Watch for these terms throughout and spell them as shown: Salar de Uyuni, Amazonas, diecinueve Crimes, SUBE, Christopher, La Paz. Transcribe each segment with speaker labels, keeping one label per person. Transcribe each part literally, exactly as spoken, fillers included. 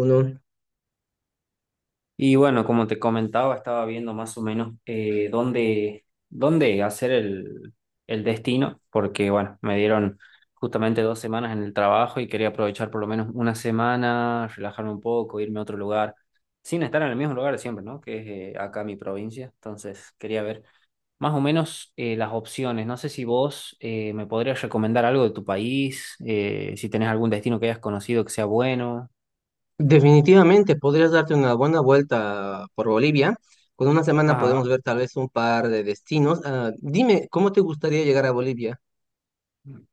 Speaker 1: Uno.
Speaker 2: Y bueno, como te comentaba, estaba viendo más o menos eh, dónde, dónde hacer el, el destino, porque bueno, me dieron justamente dos semanas en el trabajo y quería aprovechar por lo menos una semana, relajarme un poco, irme a otro lugar, sin estar en el mismo lugar de siempre, ¿no? Que es eh, acá mi provincia. Entonces, quería ver más o menos eh, las opciones. No sé si vos eh, me podrías recomendar algo de tu país, eh, si tenés algún destino que hayas conocido que sea bueno.
Speaker 1: Definitivamente podrías darte una buena vuelta por Bolivia. Con una semana podemos
Speaker 2: Ajá.
Speaker 1: ver tal vez un par de destinos. Ah, dime, ¿cómo te gustaría llegar a Bolivia?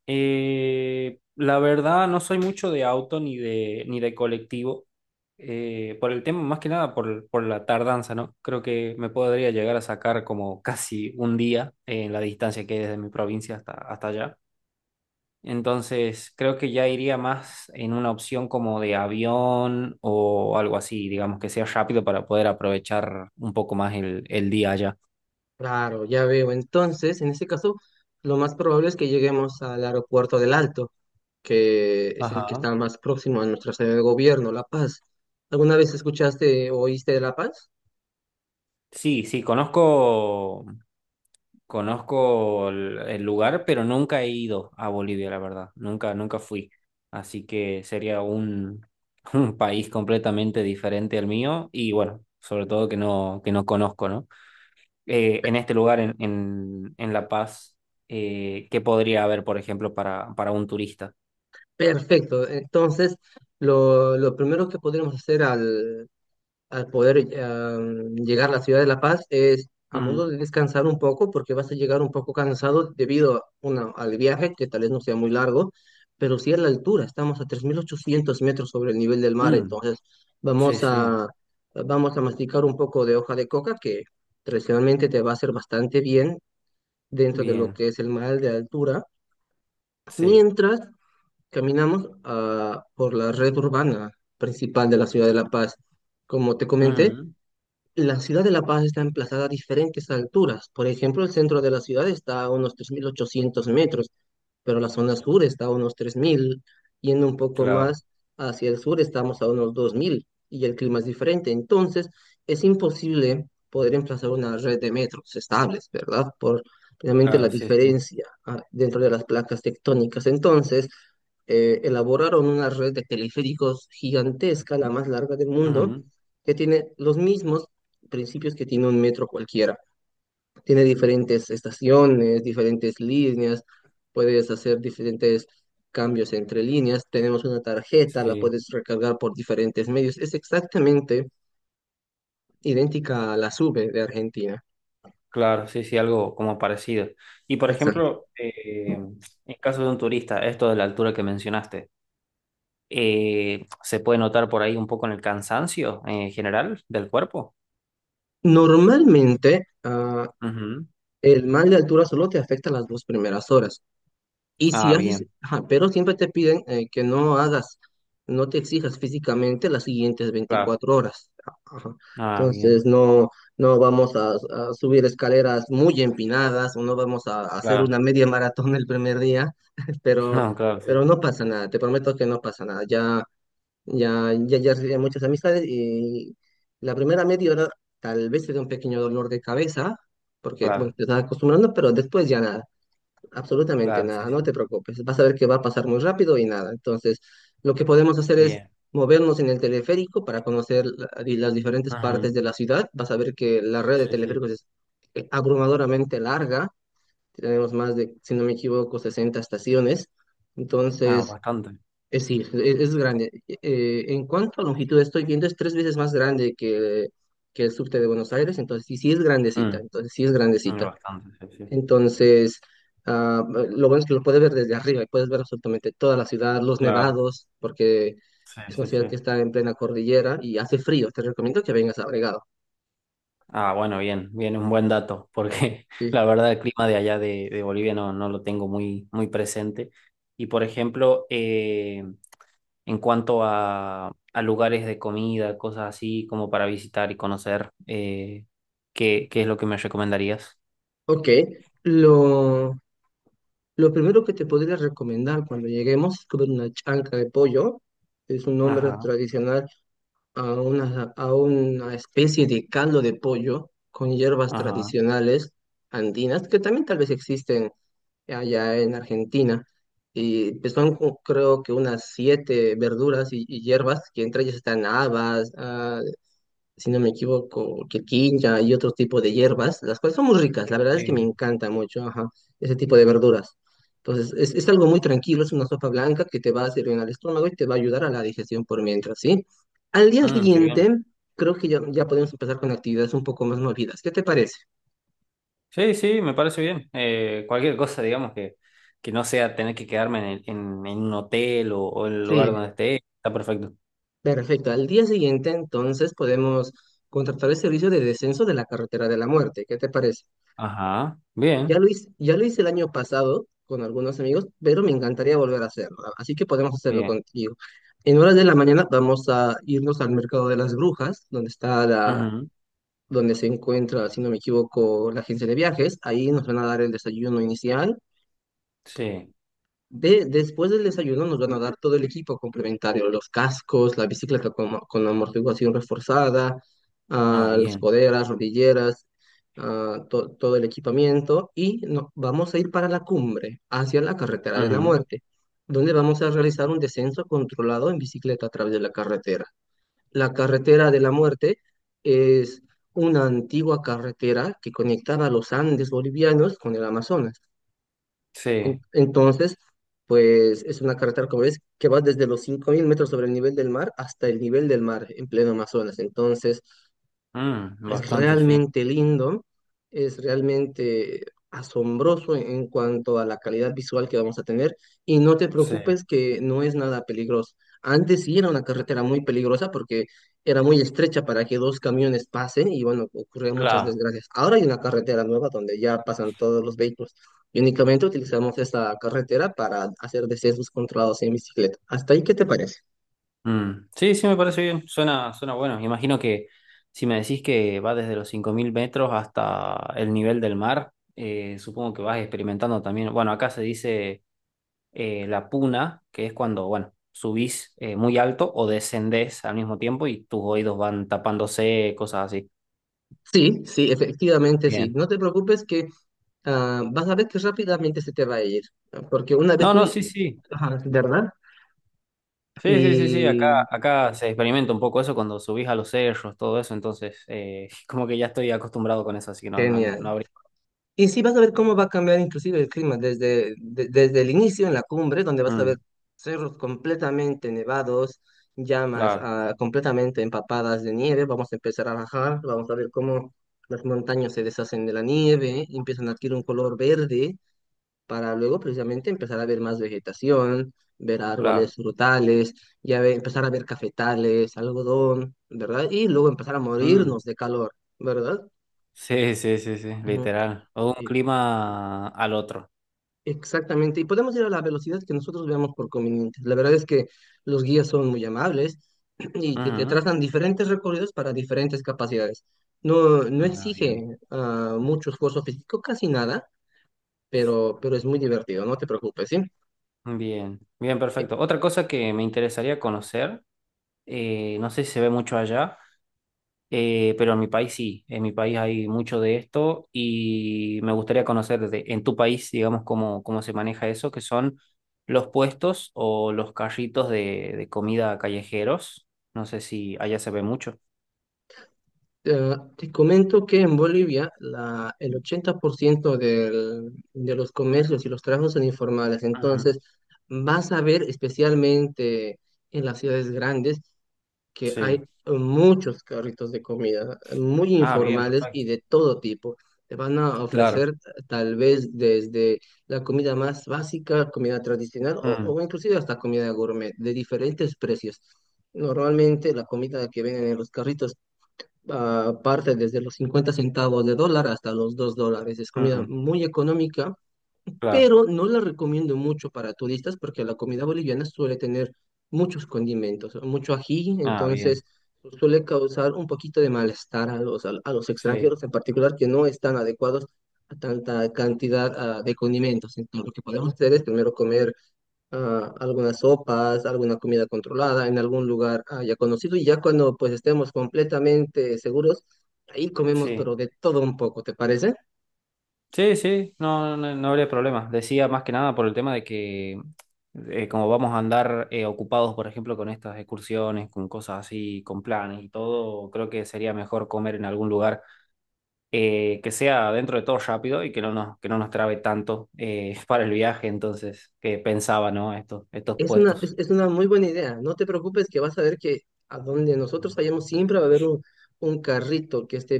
Speaker 2: Eh, la verdad, no soy mucho de auto ni de, ni de colectivo, eh, por el tema, más que nada por, por la tardanza, ¿no? Creo que me podría llegar a sacar como casi un día eh, en la distancia que hay desde mi provincia hasta, hasta allá. Entonces, creo que ya iría más en una opción como de avión o algo así, digamos, que sea rápido para poder aprovechar un poco más el, el día allá.
Speaker 1: Claro, ya veo. Entonces, en este caso, lo más probable es que lleguemos al aeropuerto del Alto, que es el que
Speaker 2: Ajá.
Speaker 1: está más próximo a nuestra sede de gobierno, La Paz. ¿Alguna vez escuchaste o oíste de La Paz?
Speaker 2: Sí, sí, conozco Conozco el, el lugar, pero nunca he ido a Bolivia, la verdad. Nunca, nunca fui. Así que sería un, un país completamente diferente al mío y bueno, sobre todo que no, que no conozco, ¿no? Eh, en este lugar, en, en, en La Paz, eh, ¿qué podría haber, por ejemplo, para, para un turista?
Speaker 1: Perfecto. Entonces, lo, lo primero que podremos hacer al al poder eh, llegar a la ciudad de La Paz es a modo
Speaker 2: Ujú.
Speaker 1: de descansar un poco, porque vas a llegar un poco cansado debido a una, al viaje, que tal vez no sea muy largo, pero sí a la altura, estamos a tres mil ochocientos metros sobre el nivel del mar,
Speaker 2: Mm,
Speaker 1: entonces
Speaker 2: sí,
Speaker 1: vamos
Speaker 2: sí.
Speaker 1: a, vamos a masticar un poco de hoja de coca que tradicionalmente te va a hacer bastante bien dentro de lo
Speaker 2: Bien,
Speaker 1: que es el mal de altura,
Speaker 2: sí.
Speaker 1: mientras caminamos ah, por la red urbana principal de la ciudad de La Paz. Como te comenté,
Speaker 2: Ujú.
Speaker 1: la ciudad de La Paz está emplazada a diferentes alturas. Por ejemplo, el centro de la ciudad está a unos tres mil ochocientos metros, pero la zona sur está a unos tres mil. Yendo un poco
Speaker 2: Claro,
Speaker 1: más hacia el sur estamos a unos dos mil y el clima es diferente. Entonces, es imposible poder emplazar una red de metros estables, ¿verdad? Por realmente la
Speaker 2: claro, sí, sí.
Speaker 1: diferencia ah, dentro de las placas tectónicas. Entonces, eh, elaboraron una red de teleféricos gigantesca, la más larga del mundo
Speaker 2: Ujú.
Speaker 1: que tiene los mismos principios que tiene un metro cualquiera. Tiene diferentes estaciones, diferentes líneas, puedes hacer diferentes cambios entre líneas. Tenemos una tarjeta, la
Speaker 2: Sí.
Speaker 1: puedes recargar por diferentes medios. Es exactamente idéntica a la SUBE de Argentina.
Speaker 2: Claro, sí, sí, algo como parecido. Y por
Speaker 1: Exacto.
Speaker 2: ejemplo, eh, en caso de un turista, esto de la altura que mencionaste, eh, ¿se puede notar por ahí un poco en el cansancio en general del cuerpo?
Speaker 1: Normalmente, ah,
Speaker 2: Ujú.
Speaker 1: el mal de altura solo te afecta las dos primeras horas. Y si
Speaker 2: Ah,
Speaker 1: haces,
Speaker 2: bien,
Speaker 1: ajá, pero siempre te piden eh, que no hagas, no te exijas físicamente las siguientes
Speaker 2: claro.
Speaker 1: veinticuatro horas. Ajá.
Speaker 2: Ah, bien,
Speaker 1: Entonces, no, no vamos a, a subir escaleras muy empinadas o no vamos a, a hacer
Speaker 2: claro.
Speaker 1: una media maratón el primer día, pero,
Speaker 2: No, claro, sí,
Speaker 1: pero
Speaker 2: sí,
Speaker 1: no pasa nada, te prometo que no pasa nada. Ya, ya, ya, ya hice muchas amistades y la primera media hora tal vez te dé un pequeño dolor de cabeza, porque, bueno,
Speaker 2: claro,
Speaker 1: te estás acostumbrando, pero después ya nada. Absolutamente
Speaker 2: claro, sí,
Speaker 1: nada, no te
Speaker 2: sí.
Speaker 1: preocupes. Vas a ver que va a pasar muy rápido y nada. Entonces, lo que podemos hacer es
Speaker 2: Bien.
Speaker 1: movernos en el teleférico para conocer la- y las diferentes partes
Speaker 2: Ujú.
Speaker 1: de la ciudad. Vas a ver que la red de
Speaker 2: Sí, sí.
Speaker 1: teleféricos es eh, abrumadoramente larga. Tenemos más de, si no me equivoco, sesenta estaciones.
Speaker 2: Ah,
Speaker 1: Entonces,
Speaker 2: bastante.
Speaker 1: es, sí, es, es grande. Eh, en cuanto a longitud, estoy viendo es tres veces más grande que, que el subte de Buenos Aires. Entonces, sí, sí es grandecita.
Speaker 2: Mm,
Speaker 1: Entonces, sí es
Speaker 2: mm,
Speaker 1: grandecita.
Speaker 2: bastante, sí, sí.
Speaker 1: Entonces, ah, lo bueno es que lo puedes ver desde arriba y puedes ver absolutamente toda la ciudad, los
Speaker 2: Claro,
Speaker 1: nevados, porque
Speaker 2: sí,
Speaker 1: es una
Speaker 2: sí,
Speaker 1: ciudad
Speaker 2: sí.
Speaker 1: que está en plena cordillera y hace frío. Te recomiendo que vengas abrigado.
Speaker 2: Ah, bueno, bien, bien, un buen dato, porque la
Speaker 1: Sí.
Speaker 2: verdad el clima de allá de, de Bolivia no, no lo tengo muy, muy presente. Y por ejemplo, eh, en cuanto a, a lugares de comida, cosas así como para visitar y conocer, eh, ¿qué, qué es lo que me recomendarías?
Speaker 1: Ok, lo, lo primero que te podría recomendar cuando lleguemos es comer una chanca de pollo. Es un nombre
Speaker 2: Ajá,
Speaker 1: tradicional a una, a una especie de caldo de pollo con hierbas
Speaker 2: ajá,
Speaker 1: tradicionales andinas que también tal vez existen allá en Argentina. Y pues son co- creo que unas siete verduras y, y hierbas, que entre ellas están habas, ah, si no me equivoco, quirquincha y otro tipo de hierbas, las cuales son muy ricas. La verdad es que me
Speaker 2: sí.
Speaker 1: encanta mucho, ajá, ese tipo de verduras. Entonces, es, es algo muy tranquilo, es una sopa blanca que te va a servir en el estómago y te va a ayudar a la digestión por mientras, ¿sí? Al día
Speaker 2: Mm, qué bien.
Speaker 1: siguiente, creo que ya, ya podemos empezar con actividades un poco más movidas. ¿Qué te parece?
Speaker 2: Sí, sí, me parece bien. Eh, cualquier cosa, digamos, que, que no sea tener que quedarme en, el- en, en un hotel o, o en el lugar
Speaker 1: Sí,
Speaker 2: donde esté, está perfecto.
Speaker 1: perfecto. Al día siguiente, entonces, podemos contratar el servicio de descenso de la carretera de la muerte. ¿Qué te parece?
Speaker 2: Ajá,
Speaker 1: Ya
Speaker 2: bien.
Speaker 1: lo hice, ya lo hice el año pasado con algunos amigos, pero me encantaría volver a hacerlo. A- Así que podemos hacerlo
Speaker 2: Bien.
Speaker 1: contigo. En horas de la mañana vamos a irnos al mercado de las brujas, donde está la,
Speaker 2: Ujú,
Speaker 1: donde se encuentra, si no me equivoco, la agencia de viajes. Ahí nos van a dar el desayuno inicial.
Speaker 2: sí.
Speaker 1: De, después del desayuno nos van a dar todo el equipo complementario, los cascos, la bicicleta con, con amortiguación reforzada,
Speaker 2: Ah,
Speaker 1: ah, las
Speaker 2: bien.
Speaker 1: coderas, rodilleras, ah, to- todo el equipamiento y no- vamos a ir para la cumbre, hacia la carretera de la
Speaker 2: Ujú,
Speaker 1: muerte, donde vamos a realizar un descenso controlado en bicicleta a través de la carretera. La carretera de la muerte es una antigua carretera que conectaba los Andes bolivianos con el Amazonas. En-
Speaker 2: sí.
Speaker 1: Entonces, pues es una carretera, como ves, que va desde los cinco mil metros sobre el nivel del mar hasta el nivel del mar en pleno Amazonas. Entonces,
Speaker 2: Mm,
Speaker 1: es
Speaker 2: bastante, sí.
Speaker 1: realmente lindo, es realmente asombroso en cuanto a la calidad visual que vamos a tener y no te
Speaker 2: Sí.
Speaker 1: preocupes que no es nada peligroso. Antes sí era una carretera muy peligrosa porque era muy estrecha para que dos camiones pasen y bueno, ocurrían muchas
Speaker 2: Claro.
Speaker 1: desgracias. Ahora hay una carretera nueva donde ya pasan todos los vehículos y únicamente utilizamos esta carretera para hacer descensos controlados en bicicleta. ¿Hasta ahí qué te parece?
Speaker 2: Mm. Sí, sí, me parece bien. Suena, suena bueno. Imagino que si me decís que va desde los cinco mil metros hasta el nivel del mar, eh, supongo que vas experimentando también. Bueno, acá se dice eh, la puna, que es cuando, bueno, subís eh, muy alto o descendés al mismo tiempo y tus oídos van tapándose, cosas así.
Speaker 1: Sí, sí, efectivamente sí.
Speaker 2: Bien.
Speaker 1: No te preocupes que ah, vas a ver que rápidamente se te va a ir, ¿no? Porque una vez
Speaker 2: No,
Speaker 1: tú,
Speaker 2: no, sí, sí.
Speaker 1: ajá, ¿verdad?
Speaker 2: Sí, sí, sí, sí, acá,
Speaker 1: Y
Speaker 2: acá se experimenta un poco eso cuando subís a los cerros, todo eso, entonces eh, como que ya estoy acostumbrado con eso, así que no, no, no
Speaker 1: genial.
Speaker 2: habría.
Speaker 1: Y sí, vas a ver cómo va a cambiar inclusive el clima desde, de- desde el inicio en la cumbre, donde vas a
Speaker 2: Mm,
Speaker 1: ver cerros completamente nevados, llamas
Speaker 2: claro,
Speaker 1: ah, completamente empapadas de nieve, vamos a empezar a bajar, vamos a ver cómo las montañas se deshacen de la nieve, empiezan a adquirir un color verde para luego precisamente empezar a ver más vegetación, ver árboles
Speaker 2: claro.
Speaker 1: frutales, ya ve- empezar a ver cafetales, algodón, ¿verdad? Y luego empezar a morirnos
Speaker 2: Mm,
Speaker 1: de calor, ¿verdad?
Speaker 2: sí, sí, sí, sí,
Speaker 1: Ujú,
Speaker 2: literal. O de un
Speaker 1: sí,
Speaker 2: clima al otro.
Speaker 1: exactamente. Y podemos ir a la velocidad que nosotros veamos por conveniente. La verdad es que los guías son muy amables y te, te
Speaker 2: Ujú.
Speaker 1: trazan diferentes recorridos para diferentes capacidades. No, no
Speaker 2: Ah, bien.
Speaker 1: exige ah, mucho esfuerzo físico, casi nada, pero, pero es muy divertido, no te preocupes, ¿sí?
Speaker 2: Bien, bien, perfecto. Otra cosa que me interesaría conocer, eh, no sé si se ve mucho allá. Eh, pero en mi país sí, en mi país hay mucho de esto y me gustaría conocer de- en tu país, digamos, cómo, cómo se maneja eso, que son los puestos o los carritos de, de comida callejeros. No sé si allá se ve mucho.
Speaker 1: Eh, te comento que en Bolivia la, el ochenta por ciento del- de los comercios y los trabajos son informales.
Speaker 2: Ujú,
Speaker 1: Entonces, vas a ver especialmente en las ciudades grandes que
Speaker 2: sí.
Speaker 1: hay muchos carritos de comida, muy
Speaker 2: Ah, bien,
Speaker 1: informales y
Speaker 2: perfecto.
Speaker 1: de todo tipo. Te van a
Speaker 2: Claro.
Speaker 1: ofrecer tal vez desde la comida más básica, comida tradicional o,
Speaker 2: Mm,
Speaker 1: o inclusive hasta comida gourmet de diferentes precios. Normalmente la comida que venden en los carritos ah, parte desde los cincuenta centavos de dólar hasta los dos dólares. Es comida
Speaker 2: mm,
Speaker 1: muy económica,
Speaker 2: claro.
Speaker 1: pero no la recomiendo mucho para turistas porque la comida boliviana suele tener muchos condimentos, mucho ají,
Speaker 2: Ah, bien.
Speaker 1: entonces suele causar un poquito de malestar a los, a, a los
Speaker 2: Sí,
Speaker 1: extranjeros en particular que no están adecuados a tanta cantidad, ah, de condimentos. Entonces, lo que podemos hacer es primero comer ah, algunas sopas, alguna comida controlada en algún lugar ah, ya conocido y ya cuando pues estemos completamente seguros, ahí comemos
Speaker 2: sí.
Speaker 1: pero de todo un poco, ¿te parece?
Speaker 2: Sí, sí, no, no, no habría problema. Decía más que nada por el tema de que eh, como vamos a andar eh, ocupados, por ejemplo, con estas excursiones, con cosas así, con planes y todo, creo que sería mejor comer en algún lugar eh, que sea dentro de todo rápido y que no nos, que no nos trabe tanto eh, para el viaje. Entonces, que pensaba, ¿no? Estos, estos
Speaker 1: Es una, es,
Speaker 2: puestos.
Speaker 1: es una muy buena idea. No te preocupes que vas a ver que a donde nosotros vayamos siempre va a haber un, un carrito que esté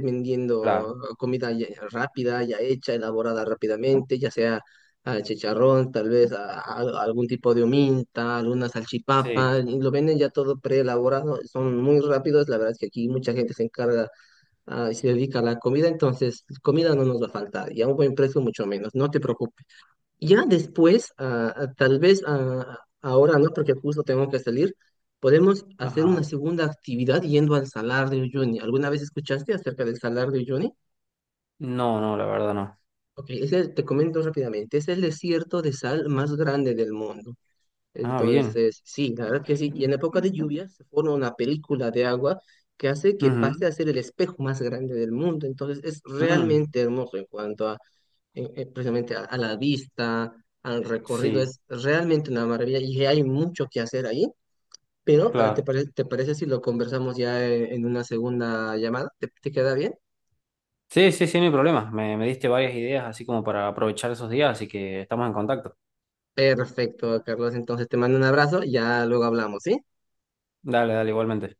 Speaker 2: Claro,
Speaker 1: vendiendo comida ya- ya rápida, ya hecha, elaborada rápidamente, ya sea ah, chicharrón, tal vez a- a- algún tipo de ominta, alguna salchipapa,
Speaker 2: sí.
Speaker 1: y lo venden ya todo preelaborado, son muy rápidos. La verdad es que aquí mucha gente se encarga ah, y se dedica a la comida, entonces comida no nos va a faltar y a un buen precio mucho menos. No te preocupes. Ya después, ah, ah, tal vez ah, ahora no, porque justo tengo que salir, podemos hacer una
Speaker 2: Ajá.
Speaker 1: segunda actividad yendo al Salar de Uyuni. ¿Alguna vez escuchaste acerca del Salar de Uyuni?
Speaker 2: No, no, la verdad no.
Speaker 1: Ok, ese, te comento rápidamente, es el desierto de sal más grande del mundo.
Speaker 2: Ah, bien.
Speaker 1: Entonces, sí, la verdad que sí. Y en época de lluvia se forma una película de agua que hace que pase
Speaker 2: Ujú.
Speaker 1: a ser el espejo más grande del mundo. Entonces, es
Speaker 2: Mm,
Speaker 1: realmente hermoso en cuanto a eh, eh, precisamente a, a la vista, al recorrido.
Speaker 2: sí,
Speaker 1: Es realmente una maravilla y hay mucho que hacer ahí. Pero, eh, ¿te
Speaker 2: claro.
Speaker 1: parece, te parece si lo conversamos ya eh, en, una segunda llamada? ¿Te, te queda bien?
Speaker 2: Sí, sí, sí, no hay problema. Me, me diste varias ideas así como para aprovechar esos días, así que estamos en contacto.
Speaker 1: Perfecto, Carlos. Entonces te mando un abrazo y ya luego hablamos, ¿sí?
Speaker 2: Dale, dale, igualmente.